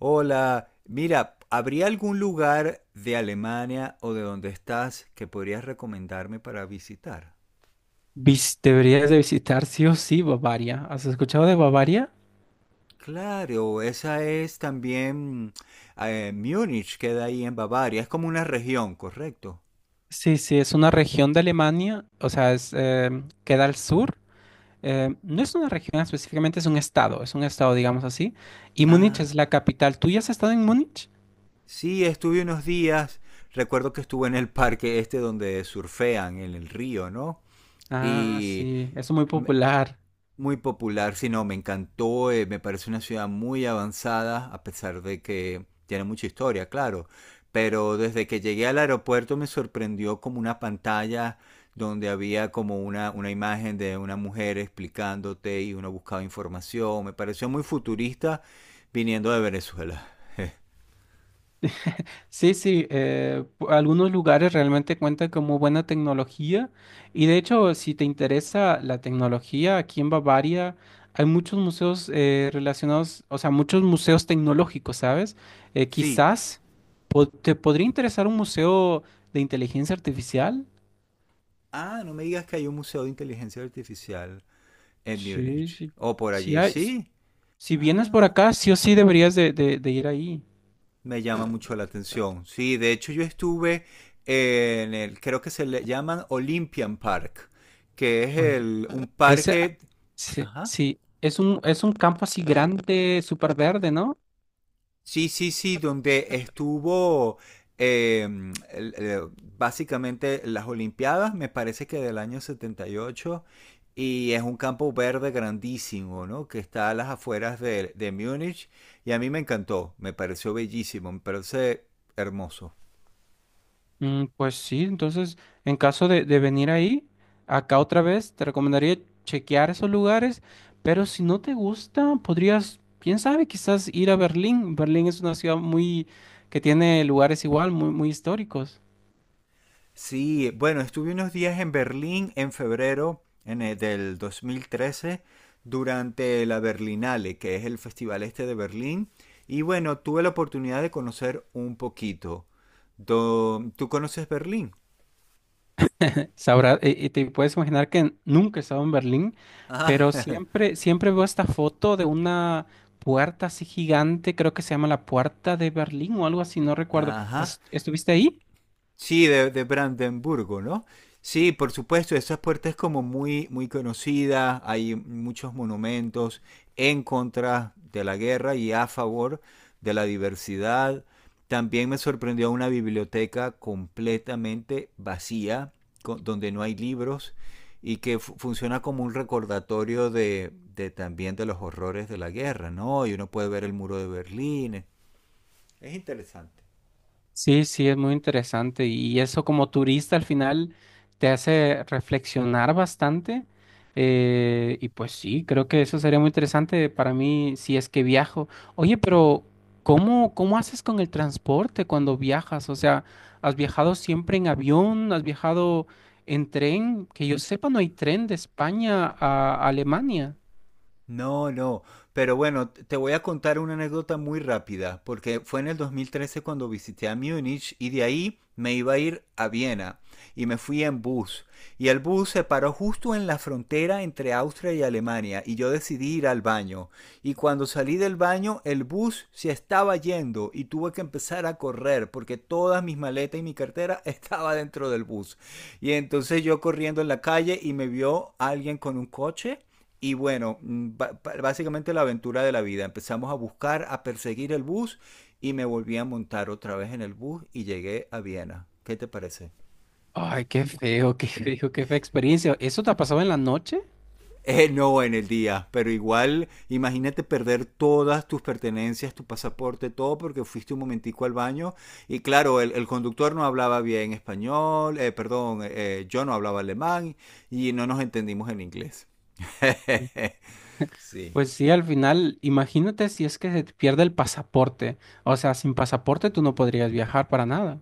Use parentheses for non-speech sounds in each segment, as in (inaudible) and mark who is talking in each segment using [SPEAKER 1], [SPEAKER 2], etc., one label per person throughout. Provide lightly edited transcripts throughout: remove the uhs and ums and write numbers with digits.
[SPEAKER 1] Hola, mira, ¿habría algún lugar de Alemania o de donde estás que podrías recomendarme para visitar?
[SPEAKER 2] Deberías de visitar sí o sí Bavaria. ¿Has escuchado de Bavaria?
[SPEAKER 1] Claro, esa es también Múnich, queda ahí en Bavaria, es como una región, ¿correcto?
[SPEAKER 2] Sí, sí, es una región de Alemania, o sea, es, queda al sur. No es una región específicamente, es un estado, digamos así. Y Múnich es
[SPEAKER 1] Ah,
[SPEAKER 2] la capital. ¿Tú ya has estado en Múnich?
[SPEAKER 1] sí, estuve unos días, recuerdo que estuve en el parque este donde surfean en el río, ¿no?
[SPEAKER 2] Ah,
[SPEAKER 1] Y
[SPEAKER 2] sí, es muy popular.
[SPEAKER 1] Muy popular, sí, no, me encantó, me parece una ciudad muy avanzada, a pesar de que tiene mucha historia, claro. Pero desde que llegué al aeropuerto me sorprendió como una pantalla donde había como una imagen de una mujer explicándote y uno buscaba información. Me pareció muy futurista viniendo de Venezuela.
[SPEAKER 2] Sí, sí, algunos lugares realmente cuentan con muy buena tecnología, y de hecho si te interesa la tecnología, aquí en Bavaria hay muchos museos relacionados, o sea, muchos museos tecnológicos, ¿sabes? Eh,
[SPEAKER 1] Sí.
[SPEAKER 2] quizás po- te podría interesar un museo de inteligencia artificial.
[SPEAKER 1] Ah, no me digas que hay un museo de inteligencia artificial en
[SPEAKER 2] Sí,
[SPEAKER 1] Múnich.
[SPEAKER 2] sí.
[SPEAKER 1] O por
[SPEAKER 2] Si
[SPEAKER 1] allí,
[SPEAKER 2] hay,
[SPEAKER 1] sí.
[SPEAKER 2] si vienes por
[SPEAKER 1] Ah,
[SPEAKER 2] acá, sí o sí deberías de ir ahí.
[SPEAKER 1] me llama mucho la atención. Sí, de hecho yo estuve en el, creo que se le llaman Olympian Park, que es
[SPEAKER 2] Ol-
[SPEAKER 1] un
[SPEAKER 2] Ese,
[SPEAKER 1] parque,
[SPEAKER 2] sí,
[SPEAKER 1] ajá,
[SPEAKER 2] sí, es un campo así grande, súper verde, ¿no?
[SPEAKER 1] sí, sí, sí, donde estuvo eh, el- el- básicamente las Olimpiadas, me parece que del año 78, y ocho, y es un campo verde grandísimo, ¿no? Que está a las afueras de Múnich, y a mí me encantó, me pareció bellísimo, me parece hermoso.
[SPEAKER 2] Mm, pues sí, entonces en caso de venir ahí, acá otra vez, te recomendaría chequear esos lugares, pero si no te gusta, podrías, quién sabe, quizás ir a Berlín. Berlín es una ciudad muy que tiene lugares igual, muy, muy históricos.
[SPEAKER 1] Sí, bueno, estuve unos días en Berlín en febrero del 2013 durante la Berlinale, que es el festival este de Berlín. Y bueno, tuve la oportunidad de conocer un poquito. ¿Tú conoces Berlín?
[SPEAKER 2] Sabrá, y te puedes imaginar que nunca he estado en Berlín,
[SPEAKER 1] Ah,
[SPEAKER 2] pero
[SPEAKER 1] (laughs)
[SPEAKER 2] siempre, siempre veo esta foto de una puerta así gigante, creo que se llama la Puerta de Berlín o algo así, no recuerdo.
[SPEAKER 1] ajá.
[SPEAKER 2] ¿Estuviste ahí?
[SPEAKER 1] Sí, de Brandenburgo, ¿no? Sí, por supuesto, esa puerta es como muy, muy conocida, hay muchos monumentos en contra de la guerra y a favor de la diversidad. También me sorprendió una biblioteca completamente vacía, donde no hay libros y que funciona como un recordatorio de también de los horrores de la guerra, ¿no? Y uno puede ver el muro de Berlín, es interesante.
[SPEAKER 2] Sí, sí, es muy interesante y eso como turista al final te hace reflexionar bastante, y pues sí, creo que eso sería muy interesante para mí si es que viajo. Oye, pero ¿cómo, cómo haces con el transporte cuando viajas? O sea, ¿has viajado siempre en avión? ¿Has viajado en tren? Que yo sepa, no hay tren de España a Alemania.
[SPEAKER 1] No, no, pero bueno, te voy a contar una anécdota muy rápida, porque fue en el 2013 cuando visité a Múnich y de ahí me iba a ir a Viena y me fui en bus. Y el bus se paró justo en la frontera entre Austria y Alemania y yo decidí ir al baño. Y cuando salí del baño, el bus se estaba yendo y tuve que empezar a correr porque todas mis maletas y mi cartera (laughs) estaba dentro del bus. Y entonces yo corriendo en la calle y me vio alguien con un coche y bueno, básicamente la aventura de la vida. Empezamos a buscar, a perseguir el bus y me volví a montar otra vez en el bus y llegué a Viena. ¿Qué te parece?
[SPEAKER 2] Ay, qué feo, qué (laughs) feo, qué fea experiencia. ¿Eso te ha pasado en la noche?
[SPEAKER 1] No en el día, pero igual imagínate perder todas tus pertenencias, tu pasaporte, todo porque fuiste un momentico al baño y claro, el conductor no hablaba bien español, perdón, yo no hablaba alemán y no nos entendimos en inglés. (laughs) sí.
[SPEAKER 2] Pues sí, al final, imagínate si es que se te pierde el pasaporte. O sea, sin pasaporte tú no podrías viajar para nada.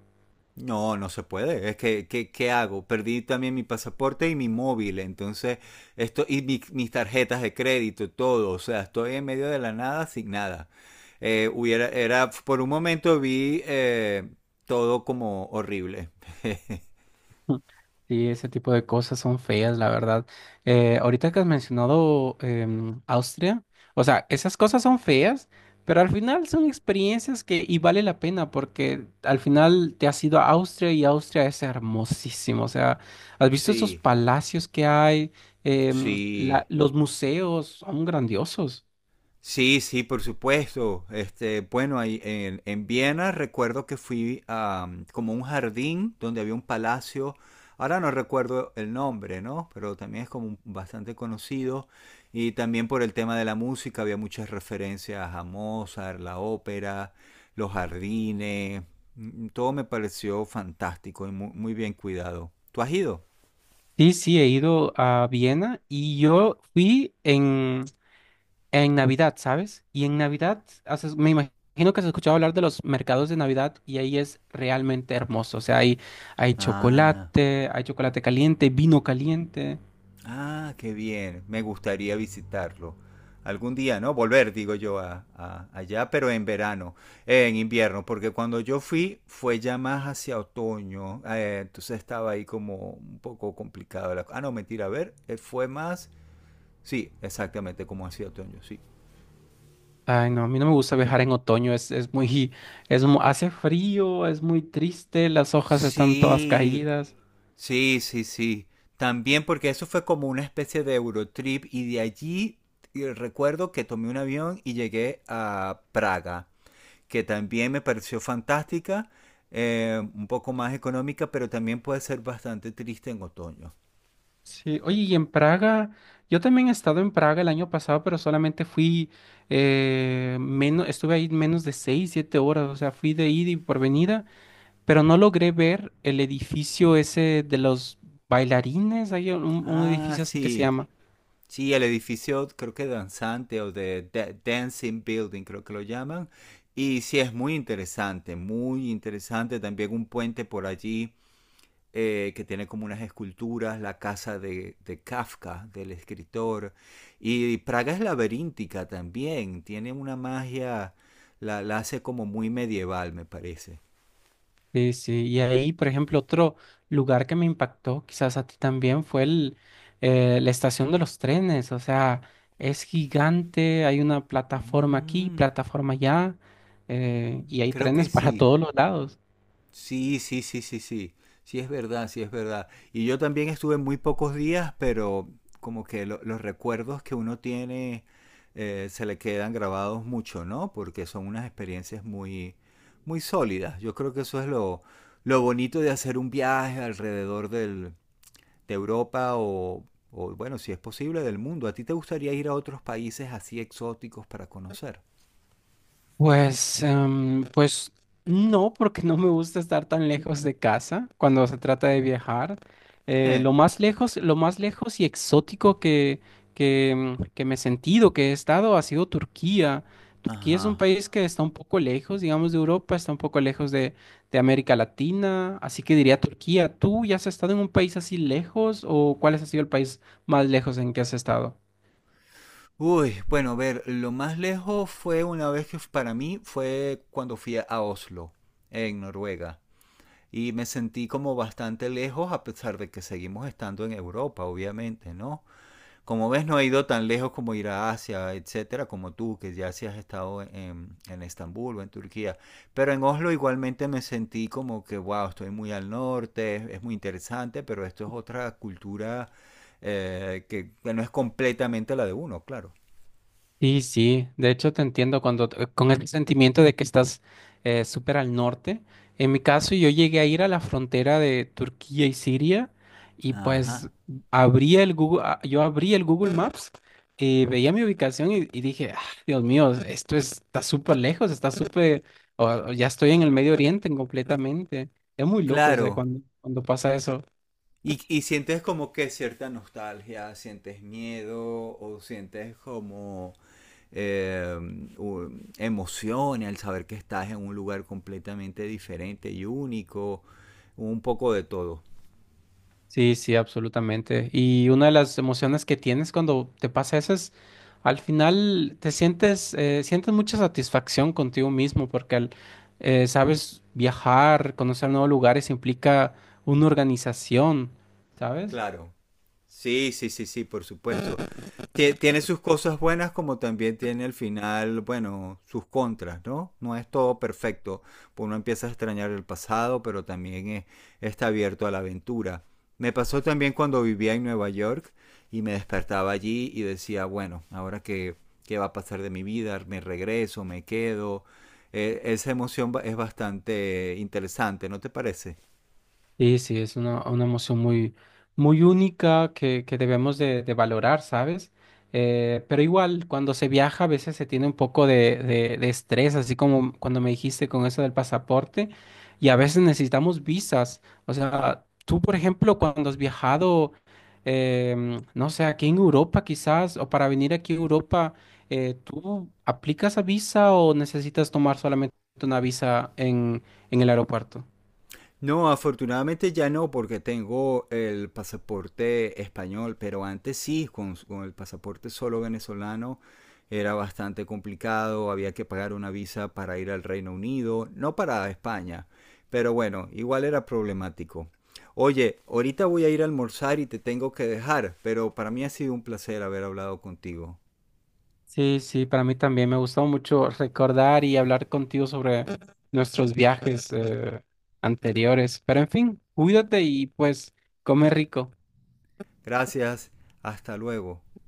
[SPEAKER 1] No, no se puede. Es que, ¿qué hago? Perdí también mi pasaporte y mi móvil, entonces, y mis tarjetas de crédito, todo. O sea, estoy en medio de la nada sin nada. Hubiera, era, por un momento vi todo como horrible. (laughs)
[SPEAKER 2] (laughs) Sí, ese tipo de cosas son feas, la verdad. Ahorita que has mencionado Austria, o sea, esas cosas son feas, pero al final son experiencias que y vale la pena porque al final te has ido a Austria y Austria es hermosísimo. O sea, has visto esos
[SPEAKER 1] Sí,
[SPEAKER 2] palacios que hay.
[SPEAKER 1] sí.
[SPEAKER 2] Los museos son grandiosos.
[SPEAKER 1] Sí, sí, por supuesto. Bueno, ahí en Viena recuerdo que fui a como un jardín donde había un palacio. Ahora no recuerdo el nombre, ¿no? Pero también es como bastante conocido. Y también por el tema de la música había muchas referencias a Mozart, la ópera, los jardines. Todo me pareció fantástico y muy, bien cuidado. ¿Tú has ido?
[SPEAKER 2] Sí, sí, he ido a Viena y yo fui en Navidad, ¿sabes? Y en Navidad, me imagino que has escuchado hablar de los mercados de Navidad y ahí es realmente hermoso. O sea,
[SPEAKER 1] Ah.
[SPEAKER 2] hay chocolate caliente, vino caliente.
[SPEAKER 1] Ah, qué bien. Me gustaría visitarlo. Algún día, ¿no? Volver, digo yo, a, allá, pero en verano, en invierno, porque cuando yo fui fue ya más hacia otoño, entonces estaba ahí como un poco complicado. Ah, no, mentira, a ver, fue más, sí, exactamente, como hacia otoño, sí.
[SPEAKER 2] Ay, no, a mí no me gusta viajar en otoño, es muy, hace frío, es muy triste, las hojas están todas
[SPEAKER 1] Sí,
[SPEAKER 2] caídas.
[SPEAKER 1] sí, sí, sí. También porque eso fue como una especie de Eurotrip y de allí recuerdo que tomé un avión y llegué a Praga, que también me pareció fantástica, un poco más económica, pero también puede ser bastante triste en otoño.
[SPEAKER 2] Sí, oye, y en Praga, yo también he estado en Praga el año pasado, pero solamente fui, estuve ahí menos de seis, siete horas, o sea, fui de ida y por venida, pero no logré ver el edificio ese de los bailarines, hay un
[SPEAKER 1] Ah,
[SPEAKER 2] edificio así que se
[SPEAKER 1] sí,
[SPEAKER 2] llama.
[SPEAKER 1] sí, el edificio creo que danzante o Dancing Building, creo que lo llaman. Y sí, es muy interesante, muy interesante. También un puente por allí que tiene como unas esculturas, la casa de Kafka, del escritor. Y Praga es laberíntica también, tiene una magia, la hace como muy medieval, me parece.
[SPEAKER 2] Sí, sí, y ahí, por ejemplo, otro lugar que me impactó, quizás a ti también, fue la estación de los trenes, o sea, es gigante, hay una plataforma aquí,
[SPEAKER 1] Mm,
[SPEAKER 2] plataforma allá, y hay
[SPEAKER 1] creo que
[SPEAKER 2] trenes (laughs) para
[SPEAKER 1] sí,
[SPEAKER 2] todos los lados.
[SPEAKER 1] sí, sí, sí, sí, sí. Sí, es verdad, sí, es verdad. Y yo también estuve muy pocos días, pero como que los recuerdos que uno tiene se le quedan grabados mucho, ¿no? Porque son unas experiencias muy, muy sólidas. Yo creo que eso es lo bonito de hacer un viaje alrededor de Europa o, bueno, si es posible, del mundo. ¿A ti te gustaría ir a otros países así exóticos para conocer?
[SPEAKER 2] Pues no, porque no me gusta estar tan lejos de casa cuando se trata de viajar.
[SPEAKER 1] Je.
[SPEAKER 2] Lo más lejos y exótico que me he sentido, que he estado, ha sido Turquía. Turquía es un
[SPEAKER 1] Ajá.
[SPEAKER 2] país que está un poco lejos, digamos, de Europa, está un poco lejos de América Latina, así que diría Turquía. ¿Tú ya has estado en un país así lejos o cuál ha sido el país más lejos en que has estado?
[SPEAKER 1] Uy, bueno, a ver, lo más lejos fue una vez que para mí fue cuando fui a Oslo, en Noruega. Y me sentí como bastante lejos a pesar de que seguimos estando en Europa, obviamente, ¿no? Como ves, no he ido tan lejos como ir a Asia, etcétera, como tú, que ya sí has estado en Estambul o en Turquía. Pero en Oslo igualmente me sentí como que, wow, estoy muy al norte, es muy interesante, pero esto es otra cultura que no es completamente la de uno, claro.
[SPEAKER 2] Sí, sí, de hecho te entiendo cuando con el sentimiento de que estás súper al norte. En mi caso, yo llegué a ir a la frontera de Turquía y Siria y
[SPEAKER 1] Ajá,
[SPEAKER 2] pues abría el Google, a- yo abrí el Google Maps y veía mi ubicación y dije, "Ah, Dios mío, está súper lejos, está súper, o ya estoy en el Medio Oriente completamente. Es muy loco, o sea,
[SPEAKER 1] claro.
[SPEAKER 2] cuando, cuando pasa eso.
[SPEAKER 1] Y sientes como que cierta nostalgia, sientes miedo o sientes como eh, u- emoción al saber que estás en un lugar completamente diferente y único, un poco de todo.
[SPEAKER 2] Sí, sí, absolutamente. Y una de las emociones que tienes cuando te pasa eso es, al final te sientes, sientes mucha satisfacción contigo mismo porque sabes viajar, conocer nuevos lugares implica una organización, ¿sabes?
[SPEAKER 1] Claro. Sí, sí, sí, sí, por supuesto. Tiene sus cosas buenas como también tiene al final, bueno, sus contras, ¿no? No es todo perfecto. Uno empieza a extrañar el pasado, pero también está abierto a la aventura. Me pasó también cuando vivía en Nueva York y me despertaba allí y decía, bueno, ahora qué va a pasar de mi vida, me regreso, me quedo. Esa emoción es bastante interesante, ¿no te parece?
[SPEAKER 2] Sí, sí, es una emoción muy, muy única que debemos de valorar, ¿sabes? Pero igual, cuando se viaja a veces se tiene un poco de estrés, así como cuando me dijiste con eso del pasaporte, y a veces necesitamos visas. O sea, tú, por ejemplo, cuando has viajado, no sé, aquí en Europa quizás, o para venir aquí a Europa, ¿tú aplicas a visa o necesitas tomar solamente una visa en el aeropuerto?
[SPEAKER 1] No, afortunadamente ya no, porque tengo el pasaporte español, pero antes sí, con el pasaporte solo venezolano era bastante complicado, había que pagar una visa para ir al Reino Unido, no para España, pero bueno, igual era problemático. Oye, ahorita voy a ir a almorzar y te tengo que dejar, pero para mí ha sido un placer haber hablado contigo.
[SPEAKER 2] Sí, sí, para mí también me gustó mucho recordar y hablar contigo sobre nuestros viajes anteriores. Pero en fin, cuídate y pues come rico.
[SPEAKER 1] Gracias, hasta luego.